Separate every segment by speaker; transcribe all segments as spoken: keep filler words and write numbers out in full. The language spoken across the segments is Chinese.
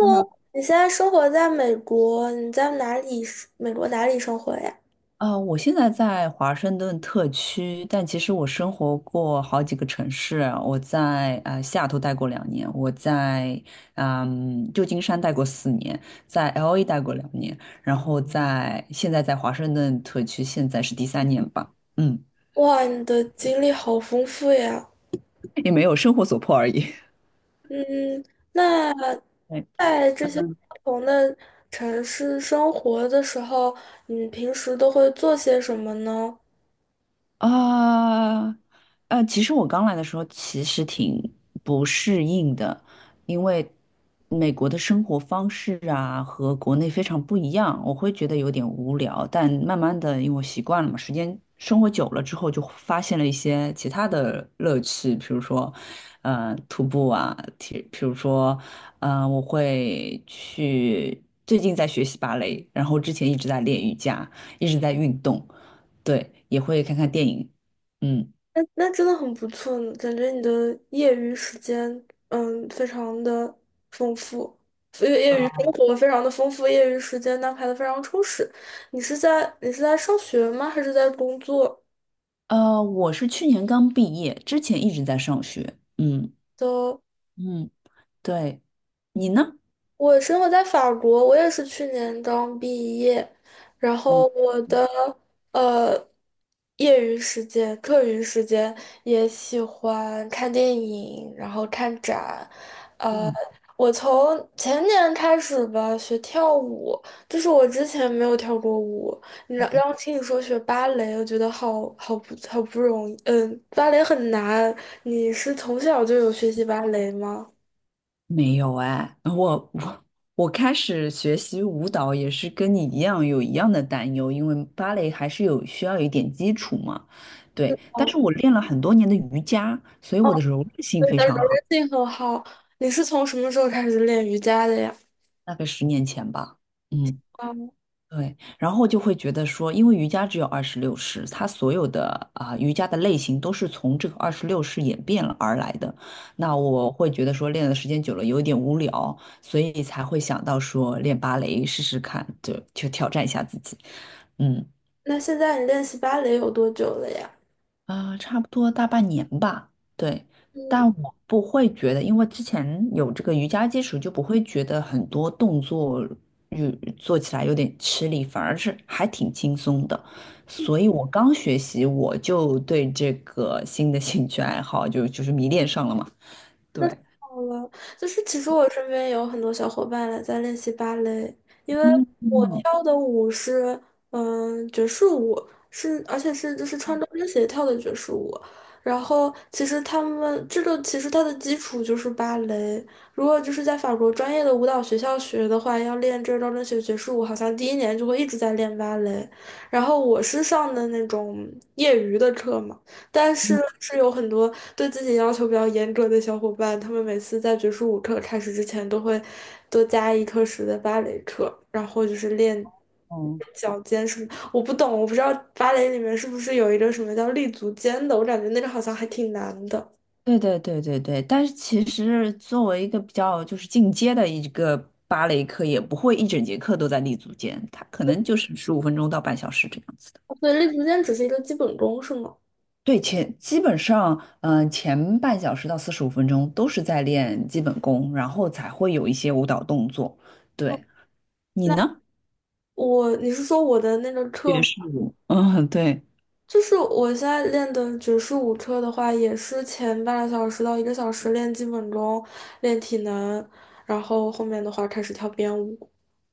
Speaker 1: h e l
Speaker 2: 你现在生活在美国，你在哪里生？美国哪里生活呀？
Speaker 1: 呃，我现在在华盛顿特区，但其实我生活过好几个城市啊。我在呃西雅图待过两年，我在嗯旧金山待过四年，在 L A 待过两年，然后在现在在华盛顿特区，现在是第三年吧，嗯，
Speaker 2: 哇，你的经历好丰富呀。
Speaker 1: 也没有生活所迫而已。
Speaker 2: 嗯，那 在这些不同的城市生活的时候，你平时都会做些什么呢？
Speaker 1: 啊，呃，其实我刚来的时候其实挺不适应的，因为美国的生活方式啊和国内非常不一样，我会觉得有点无聊。但慢慢的，因为我习惯了嘛，时间生活久了之后，就发现了一些其他的乐趣，比如说，呃，徒步啊，体，比如说，呃，我会去，最近在学习芭蕾，然后之前一直在练瑜伽，一直在运动。对，也会看看电影。嗯，
Speaker 2: 那真的很不错呢，感觉你的业余时间，嗯，非常的丰富，业业余生活非常的丰富，业余时间安排的非常充实。你是在你是在上学吗？还是在工作？
Speaker 1: 呃，我是去年刚毕业，之前一直在上学。嗯
Speaker 2: 的，
Speaker 1: 嗯，对，你呢？
Speaker 2: 我生活在法国，我也是去年刚毕业，然
Speaker 1: 嗯
Speaker 2: 后我的呃业余时间、课余时间也喜欢看电影，然后看展。
Speaker 1: 嗯，
Speaker 2: 我从前年开始吧学跳舞，就是我之前没有跳过舞。你让让我听你说学芭蕾，我觉得好好不好不容易，嗯，芭蕾很难。你是从小就有学习芭蕾吗？
Speaker 1: 没有哎，我我我开始学习舞蹈也是跟你一样有一样的担忧，因为芭蕾还是有需要有一点基础嘛。对，但
Speaker 2: 哦
Speaker 1: 是我练了很多年的瑜伽，所以我的柔韧性非
Speaker 2: 的柔
Speaker 1: 常好，
Speaker 2: 韧性很好。你是从什么时候开始练瑜伽的呀？
Speaker 1: 大概十年前吧。嗯。
Speaker 2: 啊，
Speaker 1: 对，然后就会觉得说，因为瑜伽只有二十六式，它所有的啊、瑜伽的类型都是从这个二十六式演变了而来的。那我会觉得说，练的时间久了有一点无聊，所以才会想到说练芭蕾试试看，就就挑战一下自己。嗯，
Speaker 2: 那现在你练习芭蕾有多久了呀？
Speaker 1: 啊，差不多大半年吧。对，
Speaker 2: 嗯。
Speaker 1: 但我不会觉得，因为之前有这个瑜伽基础，就不会觉得很多动作有做起来有点吃力，反而是还挺轻松的。所以我刚学习，我就对这个新的兴趣爱好就就是迷恋上了嘛。
Speaker 2: 那太
Speaker 1: 对，
Speaker 2: 好了，就是其实我身边有很多小伙伴来在练习芭蕾，因为
Speaker 1: 嗯
Speaker 2: 我
Speaker 1: 嗯，
Speaker 2: 跳的舞是嗯爵士舞，是而且是就是穿着跟鞋跳的爵士舞。然后其实他们这个其实它的基础就是芭蕾，如果就是在法国专业的舞蹈学校学的话，要练这招跟学爵士舞，好像第一年就会一直在练芭蕾。然后我是上的那种业余的课嘛。但是是有很多对自己要求比较严格的小伙伴，他们每次在爵士舞课开始之前都会多加一课时的芭蕾课，然后就是练
Speaker 1: 嗯
Speaker 2: 脚尖什么。我不懂，我不知道芭蕾里面是不是有一个什么叫立足尖的，我感觉那个好像还挺难的。
Speaker 1: 对对对对对，但是其实作为一个比较就是进阶的一个芭蕾课，也不会一整节课都在立足间，它可能就是十五分钟到半小时这样子的。
Speaker 2: 对，立足尖只是一个基本功，是吗？
Speaker 1: 对，前基本上，嗯、前半小时到四十五分钟都是在练基本功，然后才会有一些舞蹈动作。
Speaker 2: 哦，
Speaker 1: 对，你
Speaker 2: 那
Speaker 1: 呢？
Speaker 2: 我，你是说我的那个
Speaker 1: 爵
Speaker 2: 课
Speaker 1: 士舞。嗯，对。
Speaker 2: 就是我现在练的爵士舞车的话，也是前半个小时到一个小时练基本功、练体能，然后后面的话开始跳编舞。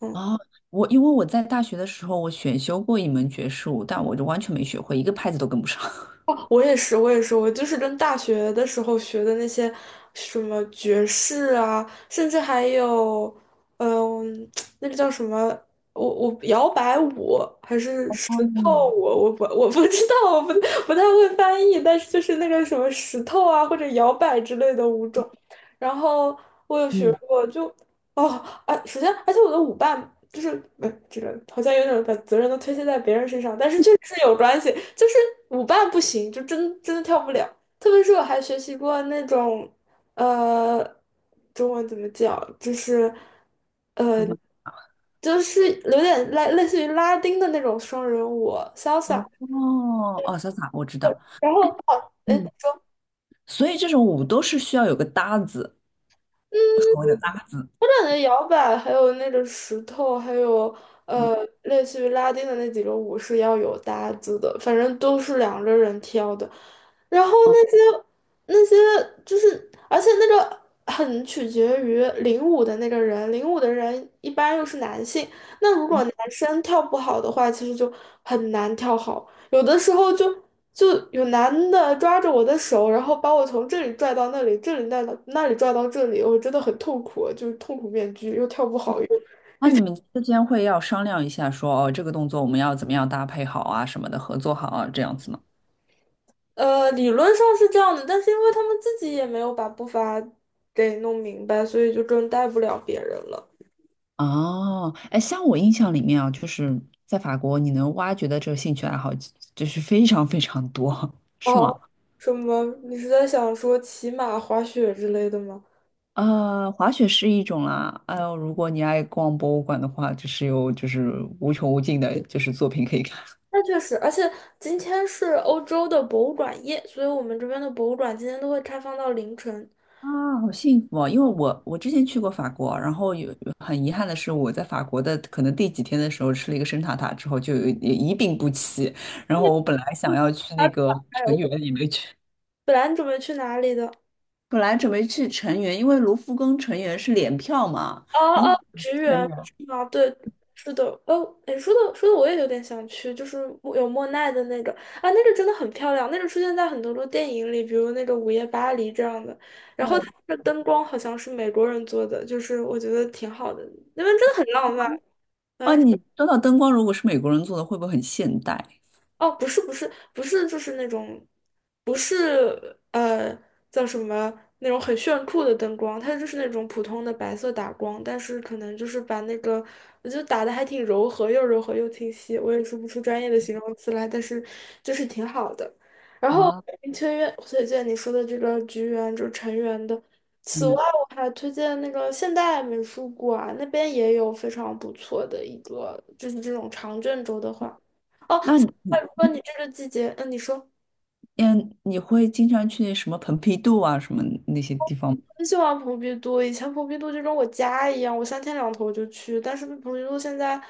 Speaker 2: 嗯。
Speaker 1: 哦，我因为我在大学的时候，我选修过一门爵士舞，但我就完全没学会，一个拍子都跟不上。
Speaker 2: 我也是，我也是，我就是跟大学的时候学的那些什么爵士啊，甚至还有，嗯、那个叫什么，我我摇摆舞还是石头
Speaker 1: 嗯，
Speaker 2: 舞，我不我不知道，我不不太会翻译，但是就是那个什么石头啊或者摇摆之类的舞种，然后我有学
Speaker 1: 嗯。
Speaker 2: 过就，哦啊，首先而且我的舞伴就是呃，这个好像有点把责任都推卸在别人身上，但是确实是有关系。就是舞伴不行，就真真的跳不了。特别是我还学习过那种，呃，中文怎么讲，就是，呃，就是有点类类似于拉丁的那种双人舞，salsa。
Speaker 1: 哦哦，哦，潇洒，我知道。
Speaker 2: 然后哦，哎，
Speaker 1: 嗯，所以这种舞都是需要有个搭子，
Speaker 2: 嗯，
Speaker 1: 所谓的搭子。
Speaker 2: 我感觉摇摆还有那个石头，还有
Speaker 1: 嗯
Speaker 2: 呃，类似于拉丁的那几个舞是要有搭子的，反正都是两个人跳的。然后
Speaker 1: 哦，
Speaker 2: 那些那些就是，而且那个很取决于领舞的那个人，领舞的人一般又是男性，那如果
Speaker 1: 嗯
Speaker 2: 男生跳不好的话，其实就很难跳好。有的时候就就有男的抓着我的手，然后把我从这里拽到那里，这里带里那里拽到这里，我真的很痛苦，就是痛苦面具，又跳不好又，
Speaker 1: 那你们之间会要商量一下说，哦，这个动作我们要怎么样搭配好啊，什么的，合作好啊，这样子吗？
Speaker 2: 呃，理论上是这样的，但是因为他们自己也没有把步伐给弄明白，所以就更带不了别人了。
Speaker 1: 哦，哎，像我印象里面啊，就是在法国，你能挖掘的这个兴趣爱好就是非常非常多，是
Speaker 2: 哦，
Speaker 1: 吗？
Speaker 2: 什么？你是在想说骑马、滑雪之类的吗？
Speaker 1: 呃，滑雪是一种啦，哎呦，如果你爱逛博物馆的话，就是有就是无穷无尽的，就是作品可以看。
Speaker 2: 那确实，而且今天是欧洲的博物馆夜，所以我们这边的博物馆今天都会开放到凌晨。
Speaker 1: 啊，好幸福哦！因为我我之前去过法国，然后有很遗憾的是，我在法国的可能第几天的时候吃了一个生塔塔之后就有一一病不起，然后我本来想要去那个成员也没去，
Speaker 2: 本来你准备去哪里的？
Speaker 1: 本来准备去成员，因为卢浮宫成员是联票嘛，然后
Speaker 2: 哦，橘园
Speaker 1: 成员，
Speaker 2: 是吗？对，是的。哦，哎，说的说的我也有点想去，就是莫有莫奈的那个啊，那个真的很漂亮，那个出现在很多的电影里，比如那个《午夜巴黎》这样的。然后它
Speaker 1: 对，
Speaker 2: 的灯光好像是美国人做的，就是我觉得挺好的，那边真的很浪漫。
Speaker 1: 哦，你说到灯光，如果是美国人做的，会不会很现代？
Speaker 2: 哦，不是不是不是，就是那种，不是呃叫什么那种很炫酷的灯光，它就是那种普通的白色打光，但是可能就是把那个，我觉得打的还挺柔和，又柔和又清晰，我也说不出专业的形容词来，但是就是挺好的。然后
Speaker 1: 哇，
Speaker 2: 推荐推荐你说的这个橘园，就是成员的。
Speaker 1: 成
Speaker 2: 此外，
Speaker 1: 员，
Speaker 2: 我还推荐那个现代美术馆，那边也有非常不错的一个，就是这种长卷轴的画。哦，
Speaker 1: 那你
Speaker 2: 那如果你这个季节，嗯，你说，
Speaker 1: 嗯，你会经常去什么蓬皮杜啊什么那些地方吗？
Speaker 2: 很喜欢蓬皮杜，以前蓬皮杜就跟我家一样，我三天两头就去，但是蓬皮杜现在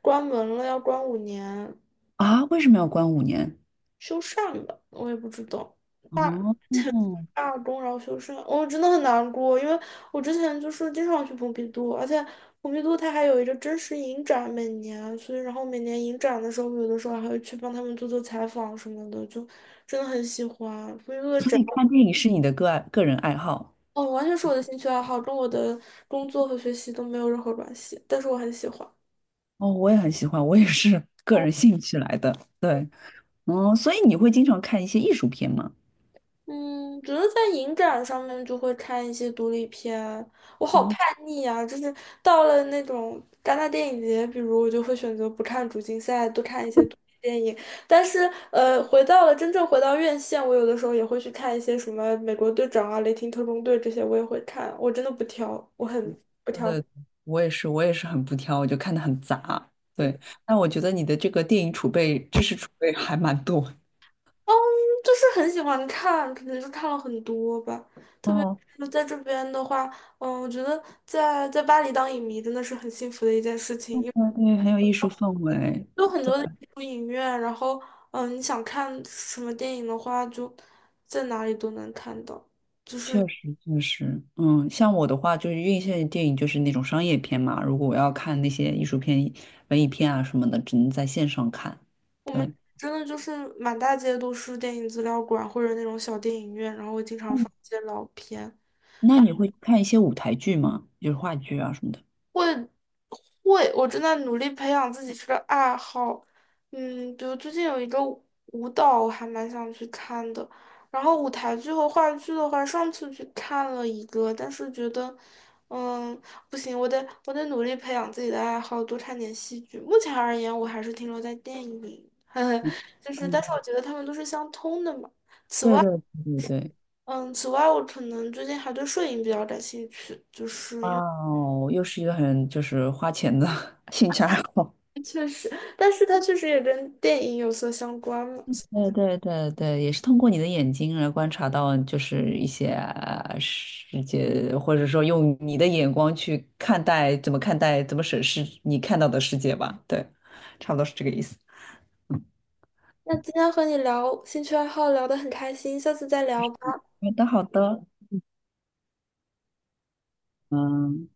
Speaker 2: 关门了，要关五年，
Speaker 1: 啊？为什么要关五年？
Speaker 2: 修缮吧，我也不知道，罢
Speaker 1: 哦，
Speaker 2: 罢工然后修缮，我真的很难过，因为我之前就是经常去蓬皮杜，而且蓬皮杜它还有一个真实影展每年，所以然后每年影展的时候，有的时候还会去帮他们做做采访什么的，就真的很喜欢蓬皮杜的
Speaker 1: 所
Speaker 2: 展。
Speaker 1: 以看电影是你的个爱个人爱好？
Speaker 2: 哦，完全是我的兴趣爱好，跟我的工作和学习都没有任何关系，但是我很喜欢。
Speaker 1: 哦，我也很喜欢，我也是个
Speaker 2: 哦，
Speaker 1: 人兴趣来的。对，嗯，所以你会经常看一些艺术片吗？
Speaker 2: 嗯，觉得在影展上面就会看一些独立片，我好
Speaker 1: 嗯，
Speaker 2: 叛逆啊！就是到了那种戛纳电影节，比如我就会选择不看主竞赛，多看一些独立电影。但是，呃，回到了真正回到院线，我有的时候也会去看一些什么《美国队长》啊、《雷霆特工队》这些，我也会看。我真的不挑，我很
Speaker 1: 对对，我也是，我也是很不挑，我就看的很杂。对，但我觉得你的这个电影储备、知识储备还蛮多。
Speaker 2: 嗯，就是很喜欢看，可能是看了很多吧。特别
Speaker 1: 哦，
Speaker 2: 是在这边的话，嗯，我觉得在在巴黎当影迷真的是很幸福的一件事情，
Speaker 1: 对
Speaker 2: 因为
Speaker 1: 对，很有艺术氛围。
Speaker 2: 有很
Speaker 1: 对。
Speaker 2: 多的艺术影院，然后嗯，你想看什么电影的话，就在哪里都能看到。就是
Speaker 1: 确实确实，嗯，像我的话，就是院线电影就是那种商业片嘛。如果我要看那些艺术片、文艺片啊什么的，只能在线上看。
Speaker 2: 我们
Speaker 1: 对，
Speaker 2: 真的就是满大街都是电影资料馆或者那种小电影院，然后会经常放一些老片。
Speaker 1: 那你会看一些舞台剧吗？就是话剧啊什么的。
Speaker 2: 会会，我正在努力培养自己这个爱好。嗯，比如最近有一个舞舞蹈，我还蛮想去看的。然后舞台剧和话剧的话，上次去看了一个，但是觉得，嗯，不行，我得我得努力培养自己的爱好，多看点戏剧。目前而言，我还是停留在电影，
Speaker 1: 嗯，
Speaker 2: 就是，但是我
Speaker 1: 嗯
Speaker 2: 觉得他们都是相通的嘛。
Speaker 1: 对对对对对。
Speaker 2: 嗯，此外，我可能最近还对摄影比较感兴趣，就是。
Speaker 1: 哇
Speaker 2: 因为。
Speaker 1: 哦，又是一个很就是花钱的 兴趣爱好。
Speaker 2: 确实，但是它确实也跟电影有所相关嘛。
Speaker 1: 对对对对，也是通过你的眼睛来观察到，就是一些呃世界，或者说用你的眼光去看待，怎么看待，怎么审视你看到的世界吧。对，差不多是这个意思。
Speaker 2: 那今天和你聊兴趣爱好聊得很开心，下次再聊。吧。
Speaker 1: 好的，好的，嗯。